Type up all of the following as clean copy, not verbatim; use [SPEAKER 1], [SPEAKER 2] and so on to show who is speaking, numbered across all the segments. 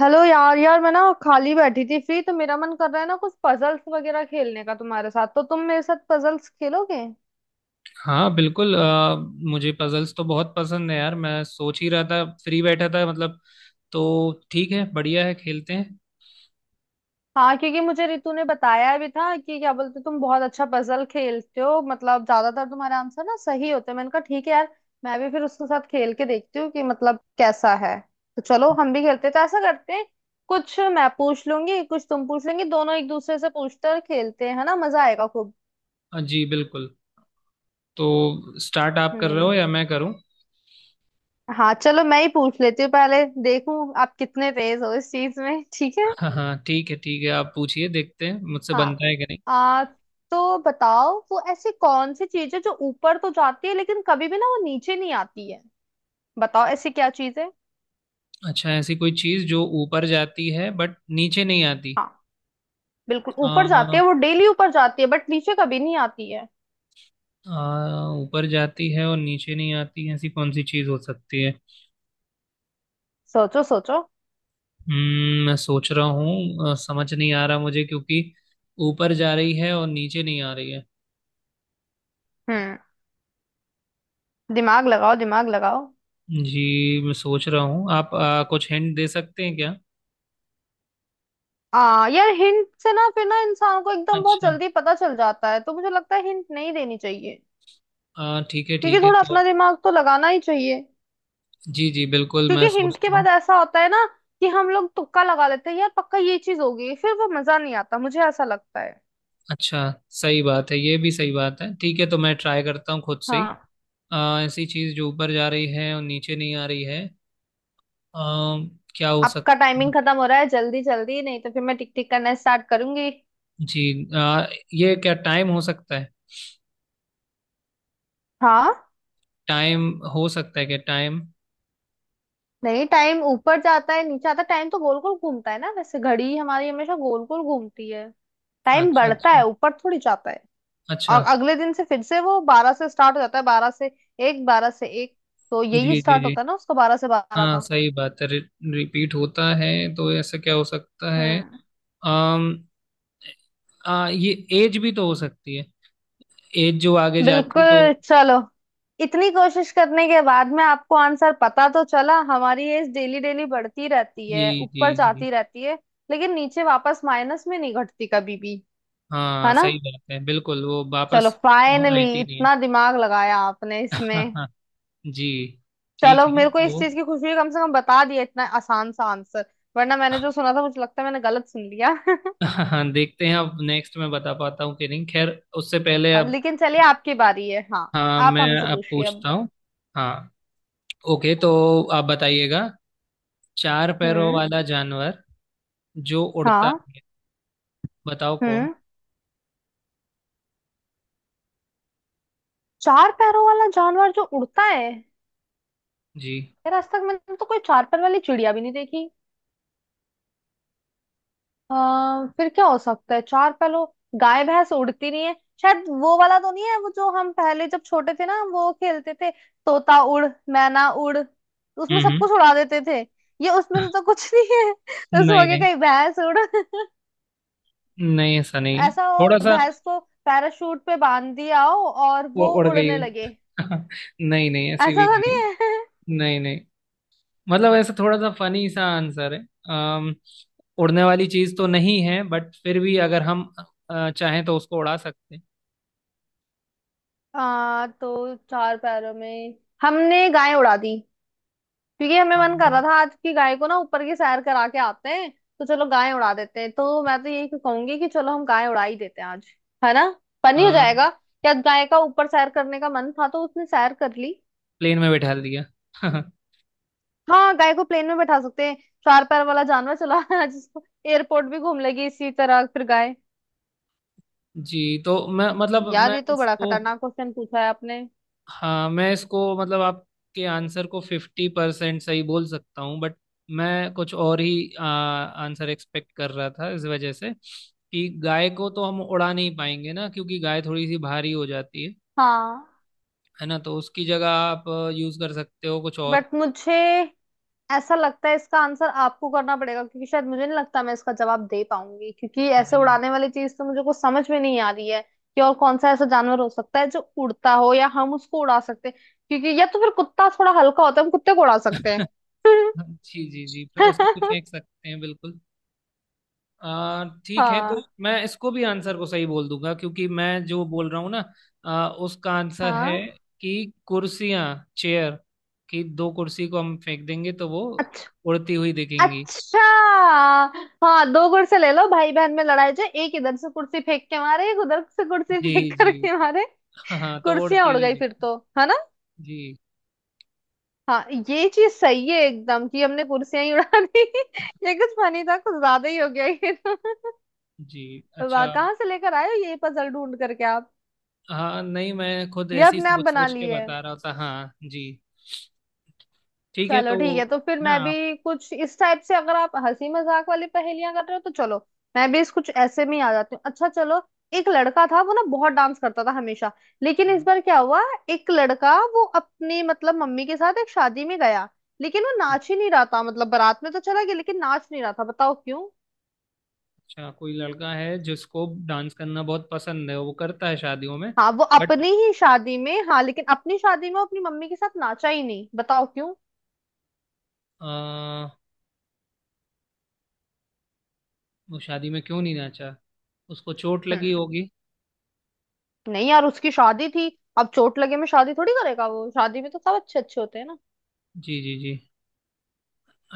[SPEAKER 1] Hello यार यार, मैं ना खाली बैठी थी, फ्री। तो मेरा मन कर रहा है ना कुछ पजल्स वगैरह खेलने का तुम्हारे साथ, तो तुम मेरे साथ पजल्स खेलोगे?
[SPEAKER 2] हाँ बिल्कुल मुझे पजल्स तो बहुत पसंद है यार। मैं सोच ही रहा था, फ्री बैठा था मतलब। तो ठीक है, बढ़िया है, खेलते हैं।
[SPEAKER 1] हाँ, क्योंकि मुझे रितु ने बताया भी था कि क्या बोलते तुम बहुत अच्छा पजल खेलते हो, मतलब ज्यादातर तुम्हारे आंसर ना सही होते हैं। मैंने कहा ठीक है यार, मैं भी फिर उसके साथ खेल के देखती हूँ कि मतलब कैसा है। तो चलो हम भी खेलते हैं। तो ऐसा करते हैं, कुछ मैं पूछ लूंगी कुछ तुम पूछ लेंगी, दोनों एक दूसरे से पूछकर खेलते हैं, है ना? मजा आएगा खूब।
[SPEAKER 2] हाँ जी बिल्कुल। तो स्टार्ट आप कर रहे
[SPEAKER 1] हम्म।
[SPEAKER 2] हो या मैं करूँ?
[SPEAKER 1] हाँ चलो, मैं ही पूछ लेती हूँ, पहले देखूं आप कितने तेज हो इस चीज में, ठीक है?
[SPEAKER 2] हाँ हाँ, ठीक है ठीक है, आप पूछिए, देखते हैं मुझसे
[SPEAKER 1] हाँ।
[SPEAKER 2] बनता है कि नहीं।
[SPEAKER 1] आ, तो बताओ, वो ऐसी कौन सी चीज है जो ऊपर तो जाती है लेकिन कभी भी ना वो नीचे नहीं आती है? बताओ ऐसी क्या चीज है?
[SPEAKER 2] अच्छा, ऐसी कोई चीज़ जो ऊपर जाती है बट नीचे नहीं आती।
[SPEAKER 1] हाँ, बिल्कुल ऊपर जाती
[SPEAKER 2] आ,
[SPEAKER 1] है, वो डेली ऊपर जाती है, बट नीचे कभी नहीं आती है।
[SPEAKER 2] आ, ऊपर जाती है और नीचे नहीं आती, ऐसी कौन सी चीज़ हो सकती है?
[SPEAKER 1] सोचो सोचो।
[SPEAKER 2] मैं सोच रहा हूँ। समझ नहीं आ रहा मुझे, क्योंकि ऊपर जा रही है और नीचे नहीं आ रही है।
[SPEAKER 1] हम्म। दिमाग लगाओ दिमाग लगाओ।
[SPEAKER 2] जी मैं सोच रहा हूँ। आप कुछ हिंट दे सकते हैं क्या?
[SPEAKER 1] आ यार, हिंट से ना फिर ना इंसान को एकदम बहुत
[SPEAKER 2] अच्छा।
[SPEAKER 1] जल्दी पता चल जाता है, तो मुझे लगता है हिंट नहीं देनी चाहिए। क्योंकि
[SPEAKER 2] ठीक है
[SPEAKER 1] थोड़ा
[SPEAKER 2] तो।
[SPEAKER 1] अपना दिमाग तो लगाना ही चाहिए।
[SPEAKER 2] जी जी बिल्कुल, मैं
[SPEAKER 1] क्योंकि हिंट के
[SPEAKER 2] सोचता हूँ।
[SPEAKER 1] बाद ऐसा होता है ना कि हम लोग तुक्का लगा लेते हैं, यार पक्का ये चीज होगी, फिर वो मजा नहीं आता, मुझे ऐसा लगता है।
[SPEAKER 2] अच्छा, सही बात है, ये भी सही बात है। ठीक है, तो मैं ट्राई करता हूँ खुद से ही।
[SPEAKER 1] हाँ,
[SPEAKER 2] ऐसी चीज़ जो ऊपर जा रही है और नीचे नहीं आ रही है। क्या हो
[SPEAKER 1] आपका
[SPEAKER 2] सकता
[SPEAKER 1] टाइमिंग
[SPEAKER 2] है।
[SPEAKER 1] खत्म हो रहा है, जल्दी जल्दी नहीं तो फिर मैं टिक टिक करना स्टार्ट करूंगी।
[SPEAKER 2] जी। अ, ये क्या टाइम हो सकता है?
[SPEAKER 1] हाँ,
[SPEAKER 2] टाइम हो सकता है, क्या टाइम।
[SPEAKER 1] नहीं, टाइम ऊपर जाता है नीचे आता है, टाइम तो गोल गोल घूमता है ना, वैसे घड़ी हमारी हमेशा गोल गोल घूमती है। टाइम
[SPEAKER 2] अच्छा
[SPEAKER 1] बढ़ता
[SPEAKER 2] अच्छा।
[SPEAKER 1] है, ऊपर थोड़ी जाता है।
[SPEAKER 2] अच्छा।
[SPEAKER 1] और अगले दिन से फिर से वो बारह से स्टार्ट हो जाता है, बारह से एक, बारह से एक, तो यही
[SPEAKER 2] जी जी
[SPEAKER 1] स्टार्ट
[SPEAKER 2] जी।
[SPEAKER 1] होता है ना उसका, बारह से बारह
[SPEAKER 2] हाँ
[SPEAKER 1] का।
[SPEAKER 2] सही बात है, रिपीट होता है। तो ऐसा क्या हो सकता है?
[SPEAKER 1] हम्म।
[SPEAKER 2] अम ये एज भी तो हो सकती है। एज जो आगे जाती तो।
[SPEAKER 1] बिल्कुल चलो, इतनी कोशिश करने के बाद में आपको आंसर पता तो चला। हमारी एज डेली डेली बढ़ती रहती
[SPEAKER 2] जी
[SPEAKER 1] है,
[SPEAKER 2] जी
[SPEAKER 1] ऊपर
[SPEAKER 2] जी।
[SPEAKER 1] जाती रहती है। लेकिन नीचे वापस माइनस में नहीं घटती कभी भी,
[SPEAKER 2] हाँ
[SPEAKER 1] है ना?
[SPEAKER 2] सही बात है, बिल्कुल, वो
[SPEAKER 1] चलो,
[SPEAKER 2] वापस
[SPEAKER 1] फाइनली
[SPEAKER 2] आती नहीं है।
[SPEAKER 1] इतना दिमाग लगाया आपने इसमें।
[SPEAKER 2] जी, ठीक
[SPEAKER 1] चलो,
[SPEAKER 2] है
[SPEAKER 1] मेरे को
[SPEAKER 2] वो।
[SPEAKER 1] इस चीज की खुशी है कम से कम बता दिया इतना आसान सा आंसर। वरना मैंने जो सुना था, मुझे लगता है मैंने गलत सुन लिया।
[SPEAKER 2] हाँ देखते हैं, अब नेक्स्ट मैं बता पाता हूँ कि नहीं। खैर, उससे पहले
[SPEAKER 1] हाँ,
[SPEAKER 2] अब,
[SPEAKER 1] लेकिन चलिए आपकी बारी है, हाँ।
[SPEAKER 2] हाँ,
[SPEAKER 1] आप
[SPEAKER 2] मैं
[SPEAKER 1] हमसे
[SPEAKER 2] अब
[SPEAKER 1] पूछिए अब।
[SPEAKER 2] पूछता हूँ। हाँ, ओके तो आप बताइएगा। चार पैरों
[SPEAKER 1] हम्म।
[SPEAKER 2] वाला जानवर जो उड़ता
[SPEAKER 1] हाँ।
[SPEAKER 2] है, बताओ कौन?
[SPEAKER 1] हम्म। चार पैरों वाला जानवर जो उड़ता है।
[SPEAKER 2] जी।
[SPEAKER 1] यार आज तक मैंने तो कोई चार पैर वाली चिड़िया भी नहीं देखी। फिर क्या हो सकता है चार पैरों? गाय भैंस उड़ती नहीं है। शायद वो वाला तो नहीं है, वो जो हम पहले जब छोटे थे ना वो खेलते थे, तोता उड़, मैना उड़, उसमें
[SPEAKER 2] हम्म
[SPEAKER 1] सब
[SPEAKER 2] हम्म।
[SPEAKER 1] कुछ उड़ा देते थे। ये उसमें से तो कुछ नहीं है। उसमें हो
[SPEAKER 2] नहीं
[SPEAKER 1] गया
[SPEAKER 2] नहीं,
[SPEAKER 1] कहीं भैंस उड़।
[SPEAKER 2] नहीं ऐसा नहीं है।
[SPEAKER 1] ऐसा हो
[SPEAKER 2] थोड़ा सा,
[SPEAKER 1] भैंस को पैराशूट पे बांध दिया हो और वो
[SPEAKER 2] उड़ गई
[SPEAKER 1] उड़ने
[SPEAKER 2] हुई।
[SPEAKER 1] लगे।
[SPEAKER 2] नहीं नहीं,
[SPEAKER 1] ऐसा
[SPEAKER 2] ऐसी भी
[SPEAKER 1] तो
[SPEAKER 2] नहीं
[SPEAKER 1] नहीं
[SPEAKER 2] है।
[SPEAKER 1] है।
[SPEAKER 2] नहीं नहीं। मतलब ऐसा थोड़ा सा फनी सा आंसर है। अम, उड़ने वाली चीज तो नहीं है, बट फिर भी अगर हम चाहें तो उसको उड़ा सकते हैं।
[SPEAKER 1] हाँ, तो चार पैरों में हमने गाय उड़ा दी। क्योंकि हमें मन कर रहा था आज की गाय को ना ऊपर की सैर करा के आते हैं, तो चलो गाय उड़ा देते हैं। तो मैं तो यही कहूंगी कि चलो हम गाय उड़ा ही देते हैं आज, है ना? फनी हो जाएगा, क्या गाय का ऊपर सैर करने का मन था तो उसने सैर कर ली।
[SPEAKER 2] प्लेन में बैठा दिया।
[SPEAKER 1] हाँ, गाय को प्लेन में बैठा सकते हैं। चार पैर वाला जानवर चला जिसको एयरपोर्ट भी घूम लेगी इसी तरह फिर गाय।
[SPEAKER 2] जी तो मैं मतलब
[SPEAKER 1] यार
[SPEAKER 2] मैं
[SPEAKER 1] ये तो बड़ा
[SPEAKER 2] इसको,
[SPEAKER 1] खतरनाक क्वेश्चन पूछा है आपने।
[SPEAKER 2] हाँ मैं इसको, मतलब आपके आंसर को फिफ्टी परसेंट सही बोल सकता हूँ। बट मैं कुछ और ही आंसर एक्सपेक्ट कर रहा था, इस वजह से कि गाय को तो हम उड़ा नहीं पाएंगे ना, क्योंकि गाय थोड़ी सी भारी हो जाती है
[SPEAKER 1] हाँ,
[SPEAKER 2] है ना। तो उसकी जगह आप यूज कर सकते हो कुछ और।
[SPEAKER 1] बट मुझे ऐसा लगता है इसका आंसर आपको करना पड़ेगा, क्योंकि शायद मुझे नहीं लगता मैं इसका जवाब दे पाऊंगी, क्योंकि ऐसे
[SPEAKER 2] जी।
[SPEAKER 1] उड़ाने वाली चीज तो मुझे कुछ समझ में नहीं आ रही है। कि और कौन सा ऐसा जानवर हो सकता है जो उड़ता हो या हम उसको उड़ा सकते हैं? क्योंकि या तो फिर कुत्ता थोड़ा हल्का होता है, हम कुत्ते को उड़ा सकते हैं।
[SPEAKER 2] जी जी जी, उसको भी फेंक सकते हैं बिल्कुल। ठीक है, तो
[SPEAKER 1] हाँ,
[SPEAKER 2] मैं इसको भी आंसर को सही बोल दूंगा, क्योंकि मैं जो बोल रहा हूँ ना उसका आंसर है
[SPEAKER 1] हाँ।
[SPEAKER 2] कि कुर्सियां, चेयर की दो कुर्सी को हम फेंक देंगे तो वो
[SPEAKER 1] अच्छा,
[SPEAKER 2] उड़ती हुई दिखेंगी।
[SPEAKER 1] अच्छा। हाँ, दो कुर्सी ले लो, भाई बहन में लड़ाई, जो एक इधर से कुर्सी फेंक के मारे एक उधर से कुर्सी
[SPEAKER 2] जी
[SPEAKER 1] फेंक
[SPEAKER 2] जी।
[SPEAKER 1] करके मारे।
[SPEAKER 2] हाँ तो वो
[SPEAKER 1] कुर्सियां
[SPEAKER 2] उड़ती
[SPEAKER 1] उड़
[SPEAKER 2] हुई
[SPEAKER 1] गई
[SPEAKER 2] दिख।
[SPEAKER 1] फिर तो, है ना?
[SPEAKER 2] जी
[SPEAKER 1] हाँ, ये चीज सही है एकदम कि हमने कुर्सियां ही उड़ा दी। ये कुछ फनी था, कुछ ज्यादा ही हो गया ये।
[SPEAKER 2] जी।
[SPEAKER 1] तो
[SPEAKER 2] अच्छा।
[SPEAKER 1] वाह, कहाँ से लेकर आए हो ये पजल ढूंढ करके आप?
[SPEAKER 2] हाँ नहीं, मैं खुद
[SPEAKER 1] ये
[SPEAKER 2] ऐसी
[SPEAKER 1] अपने आप
[SPEAKER 2] सोच
[SPEAKER 1] बना
[SPEAKER 2] सोच के
[SPEAKER 1] लिए।
[SPEAKER 2] बता रहा था। हाँ जी, ठीक है
[SPEAKER 1] चलो
[SPEAKER 2] तो।
[SPEAKER 1] ठीक है, तो फिर
[SPEAKER 2] हाँ,
[SPEAKER 1] मैं
[SPEAKER 2] आप।
[SPEAKER 1] भी कुछ इस टाइप से, अगर आप हंसी मजाक वाली पहेलियां कर रहे हो तो चलो मैं भी इस कुछ ऐसे में ही आ जाती हूँ। अच्छा चलो। एक लड़का था वो ना बहुत डांस करता था हमेशा, लेकिन इस बार क्या हुआ, एक लड़का वो अपनी मतलब मम्मी के साथ एक शादी में गया, लेकिन वो नाच ही नहीं रहा था, मतलब बारात में तो चला गया लेकिन नाच नहीं रहा था, बताओ क्यों?
[SPEAKER 2] अच्छा, कोई लड़का है जिसको डांस करना बहुत पसंद है, वो करता है शादियों में।
[SPEAKER 1] हाँ वो
[SPEAKER 2] बट
[SPEAKER 1] अपनी ही शादी में, हाँ, लेकिन अपनी शादी में वो अपनी मम्मी के साथ नाचा ही नहीं, बताओ क्यों?
[SPEAKER 2] आ, वो शादी में क्यों नहीं नाचा? उसको चोट लगी
[SPEAKER 1] हम्म।
[SPEAKER 2] होगी।
[SPEAKER 1] नहीं यार, उसकी शादी थी, अब चोट लगे में शादी थोड़ी करेगा, वो शादी में तो सब अच्छे अच्छे होते हैं ना।
[SPEAKER 2] जी जी जी।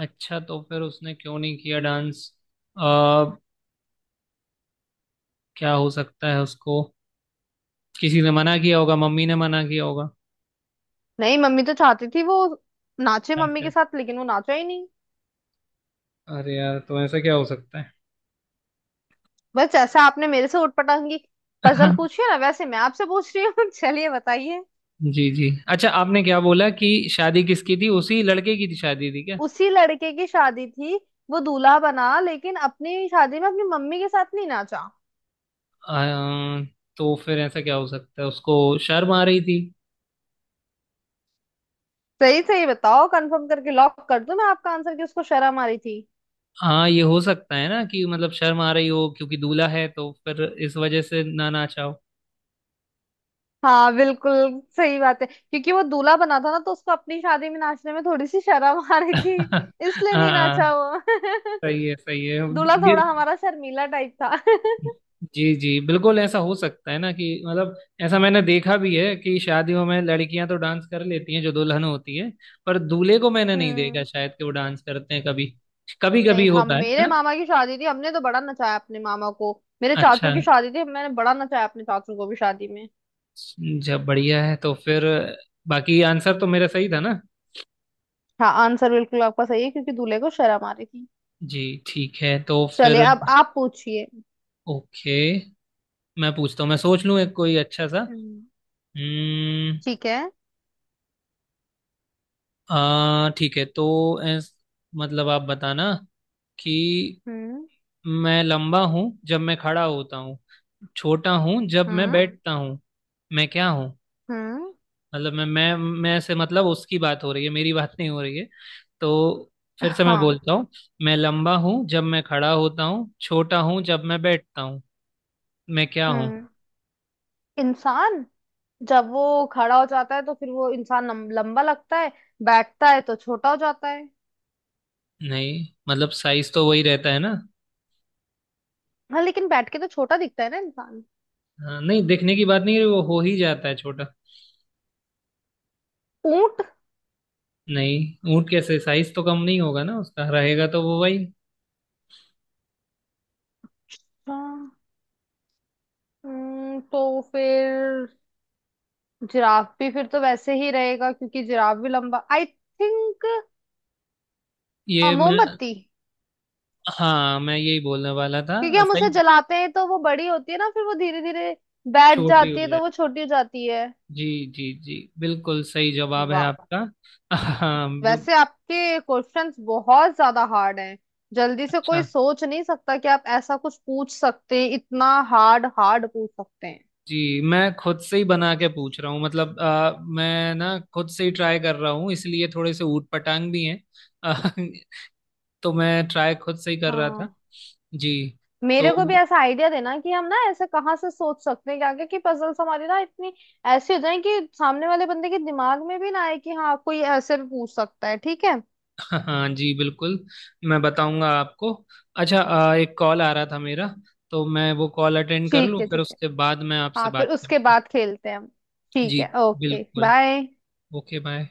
[SPEAKER 2] अच्छा तो फिर उसने क्यों नहीं किया डांस? आ, क्या हो सकता है उसको? किसी ने मना किया होगा, मम्मी ने मना किया होगा
[SPEAKER 1] नहीं, मम्मी तो चाहती थी वो नाचे
[SPEAKER 2] डांस
[SPEAKER 1] मम्मी
[SPEAKER 2] पे।
[SPEAKER 1] के साथ, लेकिन वो नाचा ही नहीं।
[SPEAKER 2] अरे यार, तो ऐसा क्या हो सकता है?
[SPEAKER 1] बस जैसा आपने मेरे से उटपटांग की पजल पूछी है ना, वैसे मैं आपसे पूछ रही हूँ। चलिए बताइए।
[SPEAKER 2] जी जी। अच्छा, आपने क्या बोला, कि शादी किसकी थी, उसी लड़के की थी, शादी थी क्या?
[SPEAKER 1] उसी लड़के की शादी थी, वो दूल्हा बना लेकिन अपनी शादी में अपनी मम्मी के साथ नहीं नाचा।
[SPEAKER 2] आ, तो फिर ऐसा क्या हो सकता है, उसको शर्म आ रही थी?
[SPEAKER 1] सही सही बताओ, कंफर्म करके लॉक कर दूं मैं आपका आंसर कि उसको शर्म आ रही थी?
[SPEAKER 2] हाँ ये हो सकता है ना, कि मतलब शर्म आ रही हो, क्योंकि दूल्हा है, तो फिर इस वजह से ना ना चाहो।
[SPEAKER 1] हाँ, बिल्कुल सही बात है, क्योंकि वो दूल्हा बना था ना तो उसको अपनी शादी में नाचने में थोड़ी सी शर्म आ रही थी,
[SPEAKER 2] हाँ।
[SPEAKER 1] इसलिए नहीं
[SPEAKER 2] हाँ,
[SPEAKER 1] नाचा वो।
[SPEAKER 2] सही है सही है।
[SPEAKER 1] दूल्हा
[SPEAKER 2] ये,
[SPEAKER 1] थोड़ा हमारा शर्मीला टाइप था।
[SPEAKER 2] जी जी बिल्कुल, ऐसा हो सकता है ना, कि मतलब ऐसा मैंने देखा भी है कि शादियों में लड़कियां तो डांस कर लेती हैं जो दुल्हन होती है, पर दूल्हे को मैंने नहीं देखा
[SPEAKER 1] हम्म।
[SPEAKER 2] शायद कि वो डांस करते हैं। कभी कभी कभी
[SPEAKER 1] नहीं, हम,
[SPEAKER 2] होता है
[SPEAKER 1] मेरे
[SPEAKER 2] ना।
[SPEAKER 1] मामा की शादी थी, हमने तो बड़ा नचाया अपने मामा को। मेरे
[SPEAKER 2] अच्छा,
[SPEAKER 1] चाचू की शादी थी, मैंने बड़ा नचाया अपने चाचू को भी शादी में।
[SPEAKER 2] जब बढ़िया है। तो फिर बाकी आंसर तो मेरा सही था ना?
[SPEAKER 1] हाँ, आंसर बिल्कुल आपका सही है, क्योंकि दूल्हे को शर्म आ रही थी।
[SPEAKER 2] जी ठीक है, तो
[SPEAKER 1] चलिए
[SPEAKER 2] फिर।
[SPEAKER 1] अब आप पूछिए।
[SPEAKER 2] ओके, मैं पूछता हूँ, मैं सोच लूँ एक कोई अच्छा सा।
[SPEAKER 1] हम्म।
[SPEAKER 2] हम्म।
[SPEAKER 1] ठीक है।
[SPEAKER 2] आ ठीक है तो ऐस, मतलब आप बताना कि
[SPEAKER 1] हम्म।
[SPEAKER 2] मैं लंबा हूँ जब मैं खड़ा होता हूँ, छोटा हूँ जब मैं
[SPEAKER 1] हम्म।
[SPEAKER 2] बैठता हूँ, मैं क्या हूँ?
[SPEAKER 1] हम्म।
[SPEAKER 2] मतलब मैं, मैं से मतलब उसकी बात हो रही है, मेरी बात नहीं हो रही है। तो फिर से मैं
[SPEAKER 1] हाँ।
[SPEAKER 2] बोलता हूँ, मैं लंबा हूँ जब मैं खड़ा होता हूँ, छोटा हूँ जब मैं बैठता हूँ, मैं क्या हूँ?
[SPEAKER 1] हम्म। इंसान, जब वो खड़ा हो जाता है तो फिर वो इंसान लंबा लगता है, बैठता है तो छोटा हो जाता है।
[SPEAKER 2] नहीं मतलब साइज तो वही रहता है ना।
[SPEAKER 1] हाँ, लेकिन बैठ के तो छोटा दिखता है ना इंसान।
[SPEAKER 2] हाँ, नहीं दिखने की बात नहीं है, वो हो ही जाता है छोटा।
[SPEAKER 1] ऊंट।
[SPEAKER 2] नहीं ऊँट कैसे, साइज तो कम नहीं होगा ना उसका, रहेगा तो वो वही।
[SPEAKER 1] हाँ, तो फिर जिराफ भी फिर तो वैसे ही रहेगा क्योंकि जिराफ भी लंबा, आई थिंक।
[SPEAKER 2] ये मैं,
[SPEAKER 1] मोमबत्ती।
[SPEAKER 2] हाँ मैं यही बोलने वाला था।
[SPEAKER 1] क्योंकि हम उसे
[SPEAKER 2] साइज
[SPEAKER 1] जलाते हैं तो वो बड़ी होती है ना, फिर वो धीरे धीरे बैठ
[SPEAKER 2] छोटी हो
[SPEAKER 1] जाती है तो वो
[SPEAKER 2] जाए।
[SPEAKER 1] छोटी हो जाती है।
[SPEAKER 2] जी। जी जी बिल्कुल सही जवाब है
[SPEAKER 1] वाह।
[SPEAKER 2] आपका। हाँ
[SPEAKER 1] वैसे आपके क्वेश्चंस बहुत ज्यादा हार्ड हैं। जल्दी से
[SPEAKER 2] अच्छा।
[SPEAKER 1] कोई सोच नहीं सकता कि आप ऐसा कुछ पूछ सकते हैं, इतना हार्ड हार्ड पूछ सकते हैं।
[SPEAKER 2] जी मैं खुद से ही बना के पूछ रहा हूँ, मतलब मैं ना खुद से ही ट्राई कर रहा हूँ, इसलिए थोड़े से ऊट पटांग भी हैं। अ, तो मैं ट्राई खुद से ही कर रहा था।
[SPEAKER 1] हाँ,
[SPEAKER 2] जी।
[SPEAKER 1] मेरे को भी
[SPEAKER 2] तो
[SPEAKER 1] ऐसा आइडिया देना कि हम ना ऐसे कहाँ से सोच सकते हैं कि आगे की पजल्स हमारी ना इतनी ऐसी हो जाए कि सामने वाले बंदे के दिमाग में भी ना आए कि हाँ कोई ऐसे भी पूछ सकता है, ठीक है?
[SPEAKER 2] हाँ जी बिल्कुल, मैं बताऊंगा आपको। अच्छा एक कॉल आ रहा था मेरा, तो मैं वो कॉल अटेंड कर लूँ,
[SPEAKER 1] ठीक है,
[SPEAKER 2] फिर
[SPEAKER 1] ठीक है।
[SPEAKER 2] उसके बाद मैं आपसे
[SPEAKER 1] हाँ,
[SPEAKER 2] बात
[SPEAKER 1] फिर उसके
[SPEAKER 2] करता हूँ।
[SPEAKER 1] बाद खेलते हैं हम। ठीक
[SPEAKER 2] जी
[SPEAKER 1] है। ओके
[SPEAKER 2] बिल्कुल,
[SPEAKER 1] बाय।
[SPEAKER 2] Okay bye.